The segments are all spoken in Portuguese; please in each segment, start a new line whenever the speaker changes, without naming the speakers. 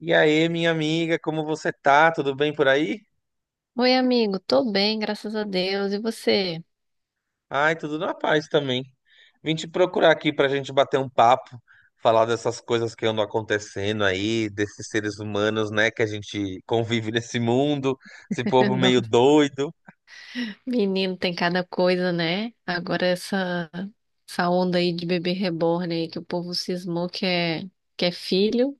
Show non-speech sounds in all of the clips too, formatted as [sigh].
E aí, minha amiga, como você tá? Tudo bem por aí?
Oi, amigo, tô bem, graças a Deus. E você?
Ai, tudo na paz também. Vim te procurar aqui pra gente bater um papo, falar dessas coisas que andam acontecendo aí, desses seres humanos, né, que a gente convive nesse mundo, esse
[laughs]
povo meio
Nossa,
doido.
menino, tem cada coisa, né? Agora essa onda aí de bebê reborn aí que o povo cismou que é filho,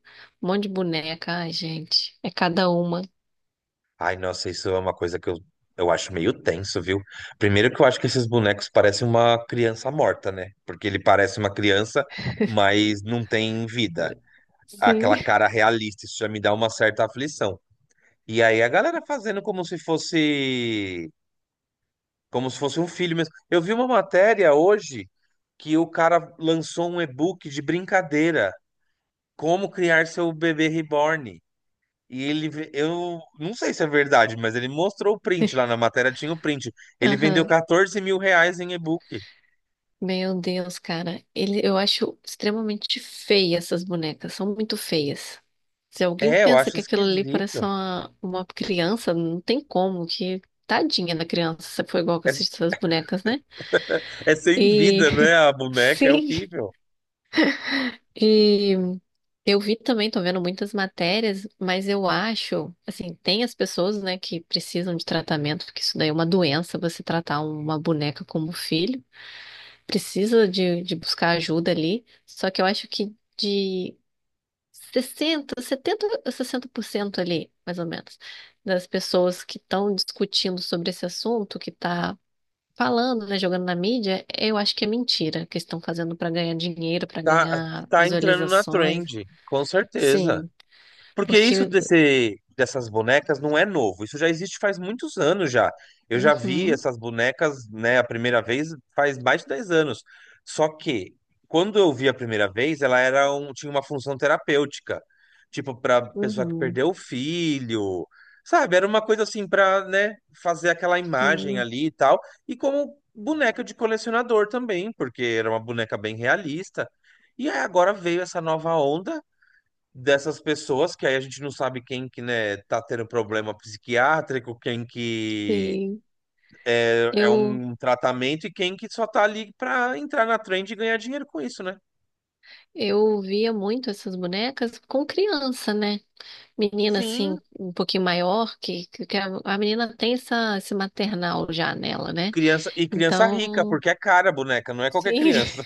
um monte de boneca, ai, gente, é cada uma.
Ai, nossa, isso é uma coisa que eu acho meio tenso, viu? Primeiro que eu acho que esses bonecos parecem uma criança morta, né? Porque ele parece uma criança, mas não tem vida.
Sim.
Aquela cara realista, isso já me dá uma certa aflição. E aí a galera fazendo como se fosse um filho mesmo. Eu vi uma matéria hoje que o cara lançou um e-book de brincadeira, como criar seu bebê reborn. E eu não sei se é verdade, mas ele mostrou o print lá na matéria, tinha o print.
[laughs]
Ele vendeu
Aham.
14 mil reais em e-book.
Meu Deus, cara. Eu acho extremamente feia essas bonecas. São muito feias. Se alguém
É, eu
pensa
acho
que aquilo ali
esquisito.
parece uma criança, não tem como. Que tadinha da criança, se foi igual com
É,
essas bonecas, né?
é sem
E
vida, né? A
[laughs]
boneca é
sim.
horrível.
E eu vi também, tô vendo muitas matérias, mas eu acho, assim, tem as pessoas, né, que precisam de tratamento, porque isso daí é uma doença, você tratar uma boneca como filho. Precisa de buscar ajuda ali, só que eu acho que de 60% ali, mais ou menos, das pessoas que estão discutindo sobre esse assunto, que está falando, né, jogando na mídia, eu acho que é mentira, que estão fazendo para ganhar dinheiro, para
Tá,
ganhar
tá entrando na
visualizações.
trend, com certeza.
Sim,
Porque isso
porque,
dessas bonecas não é novo, isso já existe faz muitos anos já. Eu já vi
uhum,
essas bonecas, né, a primeira vez faz mais de 10 anos. Só que quando eu vi a primeira vez, tinha uma função terapêutica, tipo para pessoa que
uhum,
perdeu o filho, sabe? Era uma coisa assim para, né, fazer aquela imagem
sim,
ali e tal, e como boneca de colecionador também, porque era uma boneca bem realista. E aí agora veio essa nova onda dessas pessoas, que aí a gente não sabe quem que, né, tá tendo problema psiquiátrico, quem que
sim.
é
Eu
um tratamento e quem que só tá ali pra entrar na trend e ganhar dinheiro com isso, né?
eu via muito essas bonecas com criança, né? Menina
Sim,
assim, um pouquinho maior, que a menina tem esse maternal já nela, né?
criança e criança rica,
Então,
porque é cara a boneca, não é qualquer
sim,
criança.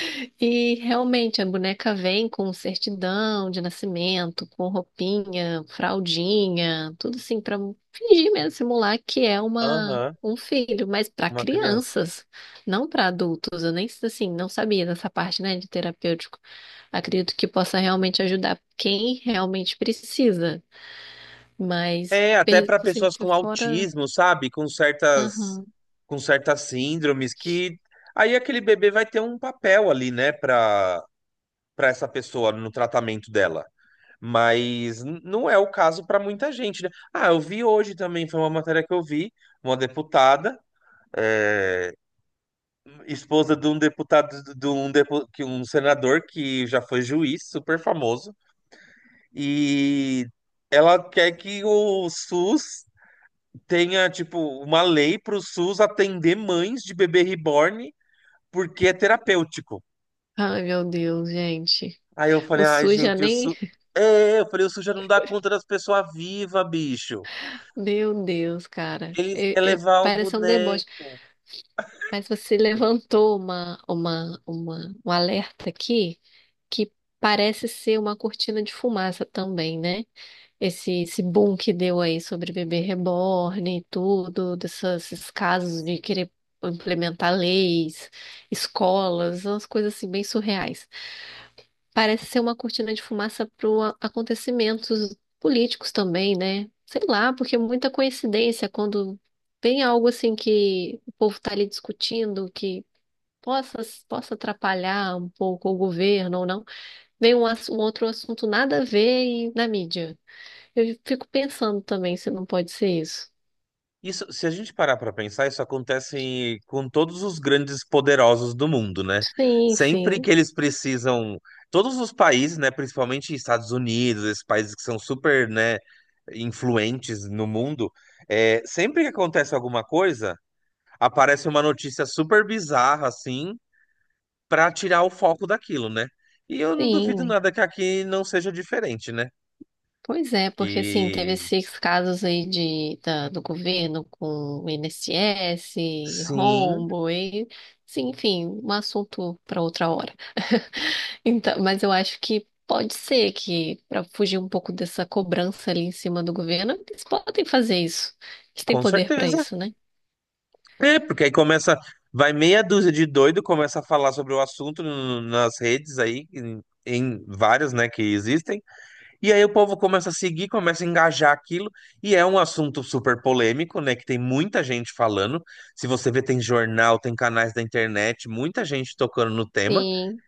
[laughs] e realmente a boneca vem com certidão de nascimento, com roupinha, fraldinha, tudo assim, para fingir mesmo, simular que é uma.
Aham,
Um filho, mas para
uma criança.
crianças, não para adultos. Eu nem assim, não sabia dessa parte, né, de terapêutico. Acredito que possa realmente ajudar quem realmente precisa. Mas,
É, até para
assim,
pessoas
foi
com
fora.
autismo, sabe?
Aham.
Com certas síndromes que aí aquele bebê vai ter um papel ali, né, para essa pessoa no tratamento dela. Mas não é o caso para muita gente, né? Ah, eu vi hoje também, foi uma matéria que eu vi, uma deputada, eh, esposa de um deputado, que um senador que já foi juiz, super famoso, e ela quer que o SUS tenha, tipo, uma lei para o SUS atender mães de bebê reborn porque é terapêutico.
Ai, meu Deus, gente.
Aí eu
O
falei, ai,
SUS já
gente, o
nem.
SUS...
[laughs]
É, eu falei, o SUS já não dá conta das pessoas vivas, bicho.
Meu Deus, cara.
Eles querem levar o
Parece um deboche.
boneco.
Mas você levantou um alerta aqui que parece ser uma cortina de fumaça também, né? Esse boom que deu aí sobre bebê reborn e tudo, desses casos de querer implementar leis, escolas, umas coisas assim bem surreais. Parece ser uma cortina de fumaça para acontecimentos políticos também, né? Sei lá, porque é muita coincidência quando tem algo assim que o povo está ali discutindo, que possa, possa atrapalhar um pouco o governo ou não, vem um outro assunto nada a ver e na mídia. Eu fico pensando também se não pode ser isso.
Isso, se a gente parar pra pensar, isso acontece com todos os grandes poderosos do mundo, né?
Sim,
Sempre que
sim,
eles precisam, todos os países, né, principalmente Estados Unidos, esses países que são super, né, influentes no mundo, é, sempre que acontece alguma coisa, aparece uma notícia super bizarra assim, pra tirar o foco daquilo, né? E eu não duvido
sim.
nada que aqui não seja diferente, né?
Pois é, porque assim, teve
Que
esses casos aí do governo com o INSS,
sim,
rombo, e, sim, enfim, um assunto para outra hora. Então, mas eu acho que pode ser que, para fugir um pouco dessa cobrança ali em cima do governo, eles podem fazer isso. Eles têm
com
poder para
certeza.
isso, né?
É, porque aí começa, vai meia dúzia de doido, começa a falar sobre o assunto nas redes aí, em várias, né, que existem, e aí o povo começa a seguir, começa a engajar aquilo, e é um assunto super polêmico, né, que tem muita gente falando, se você vê, tem jornal, tem canais da internet, muita gente tocando no tema,
Sim,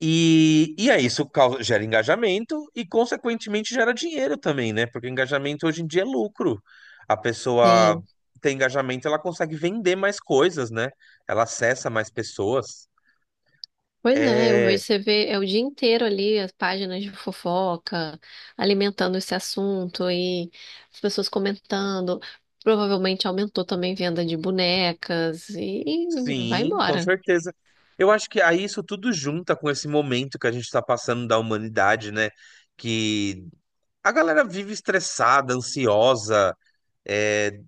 e aí isso causa, gera engajamento e, consequentemente, gera dinheiro também, né? Porque engajamento hoje em dia é lucro. A pessoa
sim.
tem engajamento, ela consegue vender mais coisas, né? Ela acessa mais pessoas.
Pois é, eu vejo
É,
você vê é o dia inteiro ali as páginas de fofoca, alimentando esse assunto e as pessoas comentando. Provavelmente aumentou também venda de bonecas e vai
sim, com
embora.
certeza. Eu acho que aí isso tudo junta com esse momento que a gente está passando da humanidade, né? Que a galera vive estressada, ansiosa, é,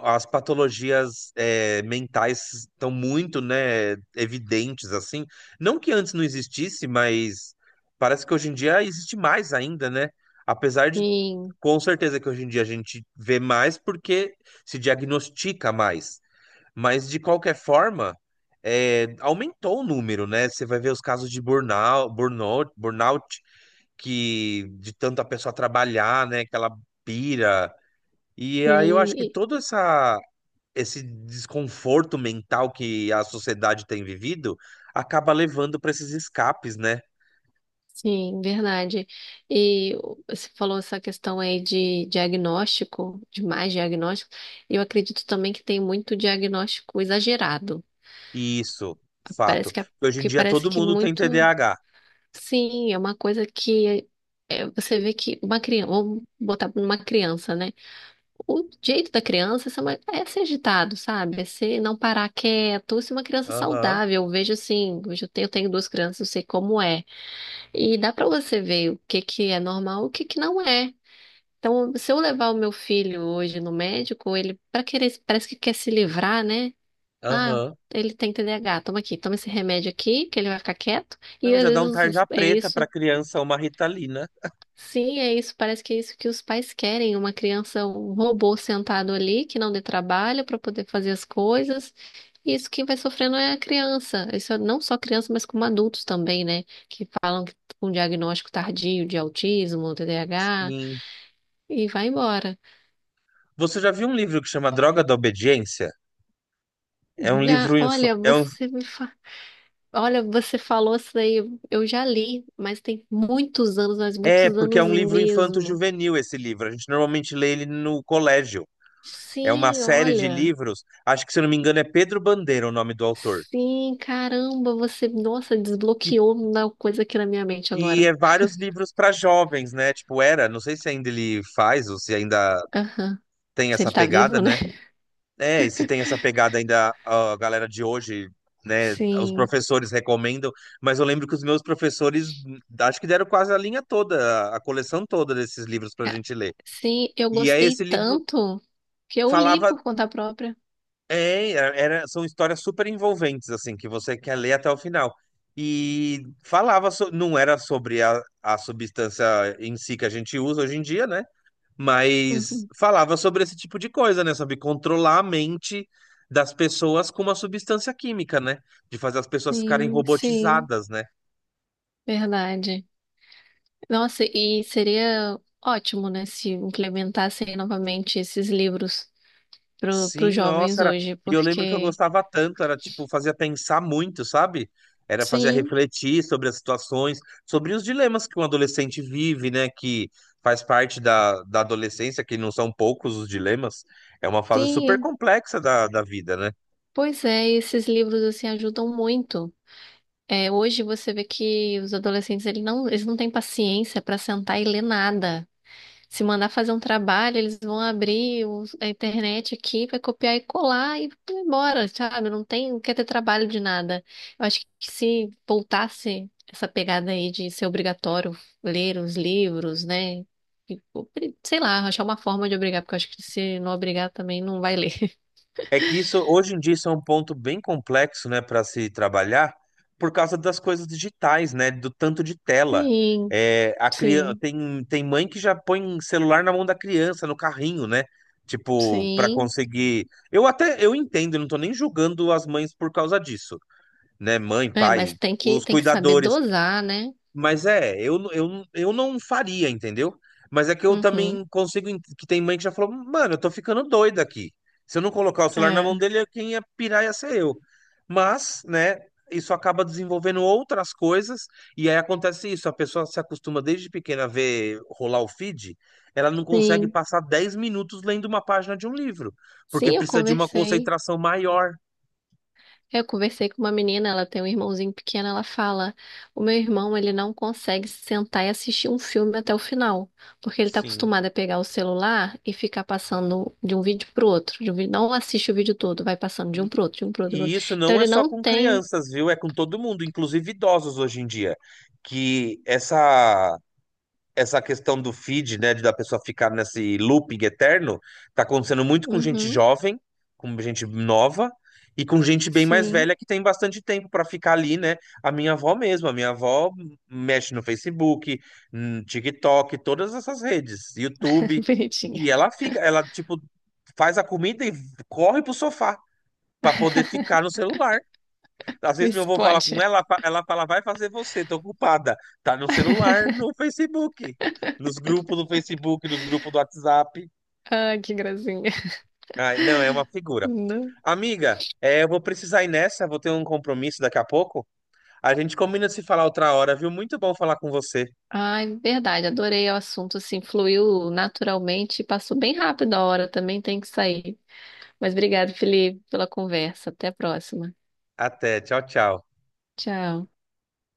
as patologias é, mentais estão muito, né, evidentes assim. Não que antes não existisse, mas parece que hoje em dia existe mais ainda, né? Apesar de
Sim,
com certeza que hoje em dia a gente vê mais porque se diagnostica mais. Mas de qualquer forma, é, aumentou o número, né? Você vai ver os casos de burnout que de tanto a pessoa trabalhar, né, que ela pira. E aí eu
sim,
acho que
e-
toda essa esse desconforto mental que a sociedade tem vivido acaba levando para esses escapes, né?
sim, verdade. E você falou essa questão aí de diagnóstico, de mais diagnóstico. Eu acredito também que tem muito diagnóstico exagerado.
E isso,
Parece
fato.
que,
Hoje em
que
dia
parece
todo
que
mundo tem
muito.
TDAH.
Sim, é uma coisa que é, você vê que uma criança, vamos botar numa criança, né? O jeito da criança é ser é ser agitado, sabe? É ser não parar quieto, ser uma criança
Aham,
saudável. Eu vejo assim, hoje eu tenho duas crianças, eu sei como é. E dá pra você ver o que que é normal, e o que que não é. Então, se eu levar o meu filho hoje no médico, ele para querer, parece que quer se livrar, né? Ah,
aham.
ele tem TDAH, toma aqui, toma esse remédio aqui, que ele vai ficar quieto. E
Não,
às
já dá um
vezes
tarja
é
preta para
isso.
criança uma Ritalina.
Sim, é isso. Parece que é isso que os pais querem, uma criança, um robô sentado ali, que não dê trabalho para poder fazer as coisas. E isso quem vai sofrendo é a criança. Isso é não só criança, mas como adultos também, né? Que falam que com diagnóstico tardio de autismo, TDAH,
Sim.
e vai embora.
Você já viu um livro que chama Droga da Obediência? É um
Já,
livro inf...
olha,
é, um...
olha, você falou isso daí, eu já li, mas tem muitos anos, mas
É
muitos
porque é
anos
um livro
mesmo.
infanto-juvenil esse livro. A gente normalmente lê ele no colégio. É uma
Sim,
série de
olha.
livros. Acho que se eu não me engano é Pedro Bandeira o nome do autor,
Sim, caramba, você, nossa,
que
desbloqueou uma coisa aqui na minha mente agora.
é vários livros para jovens, né? Tipo, era, não sei se ainda ele faz ou se ainda
Aham.
tem
Se
essa
ele tá
pegada,
vivo, né?
né? É, e se tem essa pegada ainda a galera de hoje, né? Os
Sim.
professores recomendam, mas eu lembro que os meus professores acho que deram quase a linha toda, a coleção toda desses livros pra
Ca-
gente ler.
Sim, eu
E aí esse
gostei
livro
tanto que eu li
falava,
por conta própria.
são histórias super envolventes, assim, que você quer ler até o final. E falava, não era sobre a substância em si que a gente usa hoje em dia, né? Mas
Uhum.
falava sobre esse tipo de coisa, né? Sobre controlar a mente das pessoas com uma substância química, né? De fazer as pessoas ficarem
Sim, sim,
robotizadas, né?
verdade. Nossa, e seria ótimo, né, se implementassem novamente esses livros para os
Sim,
jovens
nossa, era.
hoje,
E eu lembro que eu
porque
gostava tanto, era tipo, fazia pensar muito, sabe? Era fazer
sim,
refletir sobre as situações, sobre os dilemas que um adolescente vive, né? Que faz parte da adolescência, que não são poucos os dilemas. É uma fase super
sim,
complexa da vida, né?
pois é, esses livros assim ajudam muito. É, hoje você vê que os adolescentes eles não têm paciência para sentar e ler nada. Se mandar fazer um trabalho, eles vão abrir a internet aqui, vai copiar e colar e vai embora, sabe? Não tem, não quer ter trabalho de nada. Eu acho que se voltasse essa pegada aí de ser obrigatório ler os livros, né? E, sei lá, achar uma forma de obrigar, porque eu acho que se não obrigar também não vai ler. [laughs]
É que isso, hoje em dia, isso é um ponto bem complexo, né, para se trabalhar, por causa das coisas digitais, né, do tanto de tela.
Sim,
É, a criança,
sim,
tem, tem mãe que já põe um celular na mão da criança, no carrinho, né, tipo, para
sim.
conseguir. Eu até, eu entendo, eu não tô nem julgando as mães por causa disso, né, mãe,
É, mas
pai,
tem que,
os
tem que saber
cuidadores,
dosar, né?
mas é, eu não faria, entendeu? Mas é que eu
Uhum.
também consigo. Que tem mãe que já falou, mano, eu tô ficando doida aqui. Se eu não colocar o celular na mão
É,
dele, quem ia pirar ia ser eu. Mas, né, isso acaba desenvolvendo outras coisas. E aí acontece isso: a pessoa se acostuma desde pequena a ver rolar o feed, ela não consegue
sim.
passar 10 minutos lendo uma página de um livro, porque
Sim, eu
precisa de uma
conversei.
concentração maior.
Eu conversei com uma menina, ela tem um irmãozinho pequeno, ela fala: "O meu irmão, ele não consegue sentar e assistir um filme até o final, porque ele tá
Sim.
acostumado a pegar o celular e ficar passando de um vídeo pro outro, de um vídeo, não assiste o vídeo todo, vai passando de um pro outro, de um pro outro, pro
E
outro.
isso
Então
não é
ele
só
não
com
tem."
crianças, viu? É com todo mundo, inclusive idosos hoje em dia. Que essa questão do feed, né, de da pessoa ficar nesse looping eterno, tá acontecendo muito com gente
Uhum.
jovem, com gente nova e com gente bem mais velha
Sim.
que tem bastante tempo para ficar ali, né? A minha avó mexe no Facebook, no TikTok, todas essas redes,
[laughs]
YouTube,
Bonitinha.
e ela fica, ela tipo faz a comida e corre pro sofá para poder ficar no celular. Às
Vê
vezes meu
se
avô fala com
pode.
ela, ela fala, vai fazer você, tô ocupada. Tá no celular,
[laughs]
no Facebook, nos grupos do Facebook, nos grupos do WhatsApp.
Ai, que gracinha.
Ah, não, é uma figura.
Não.
Amiga, é, eu vou precisar ir nessa, vou ter um compromisso daqui a pouco. A gente combina de se falar outra hora, viu? Muito bom falar com você.
Ai, verdade, adorei o assunto, assim, fluiu naturalmente e passou bem rápido a hora, também tem que sair. Mas obrigado, Felipe, pela conversa. Até a próxima.
Até, tchau, tchau.
Tchau.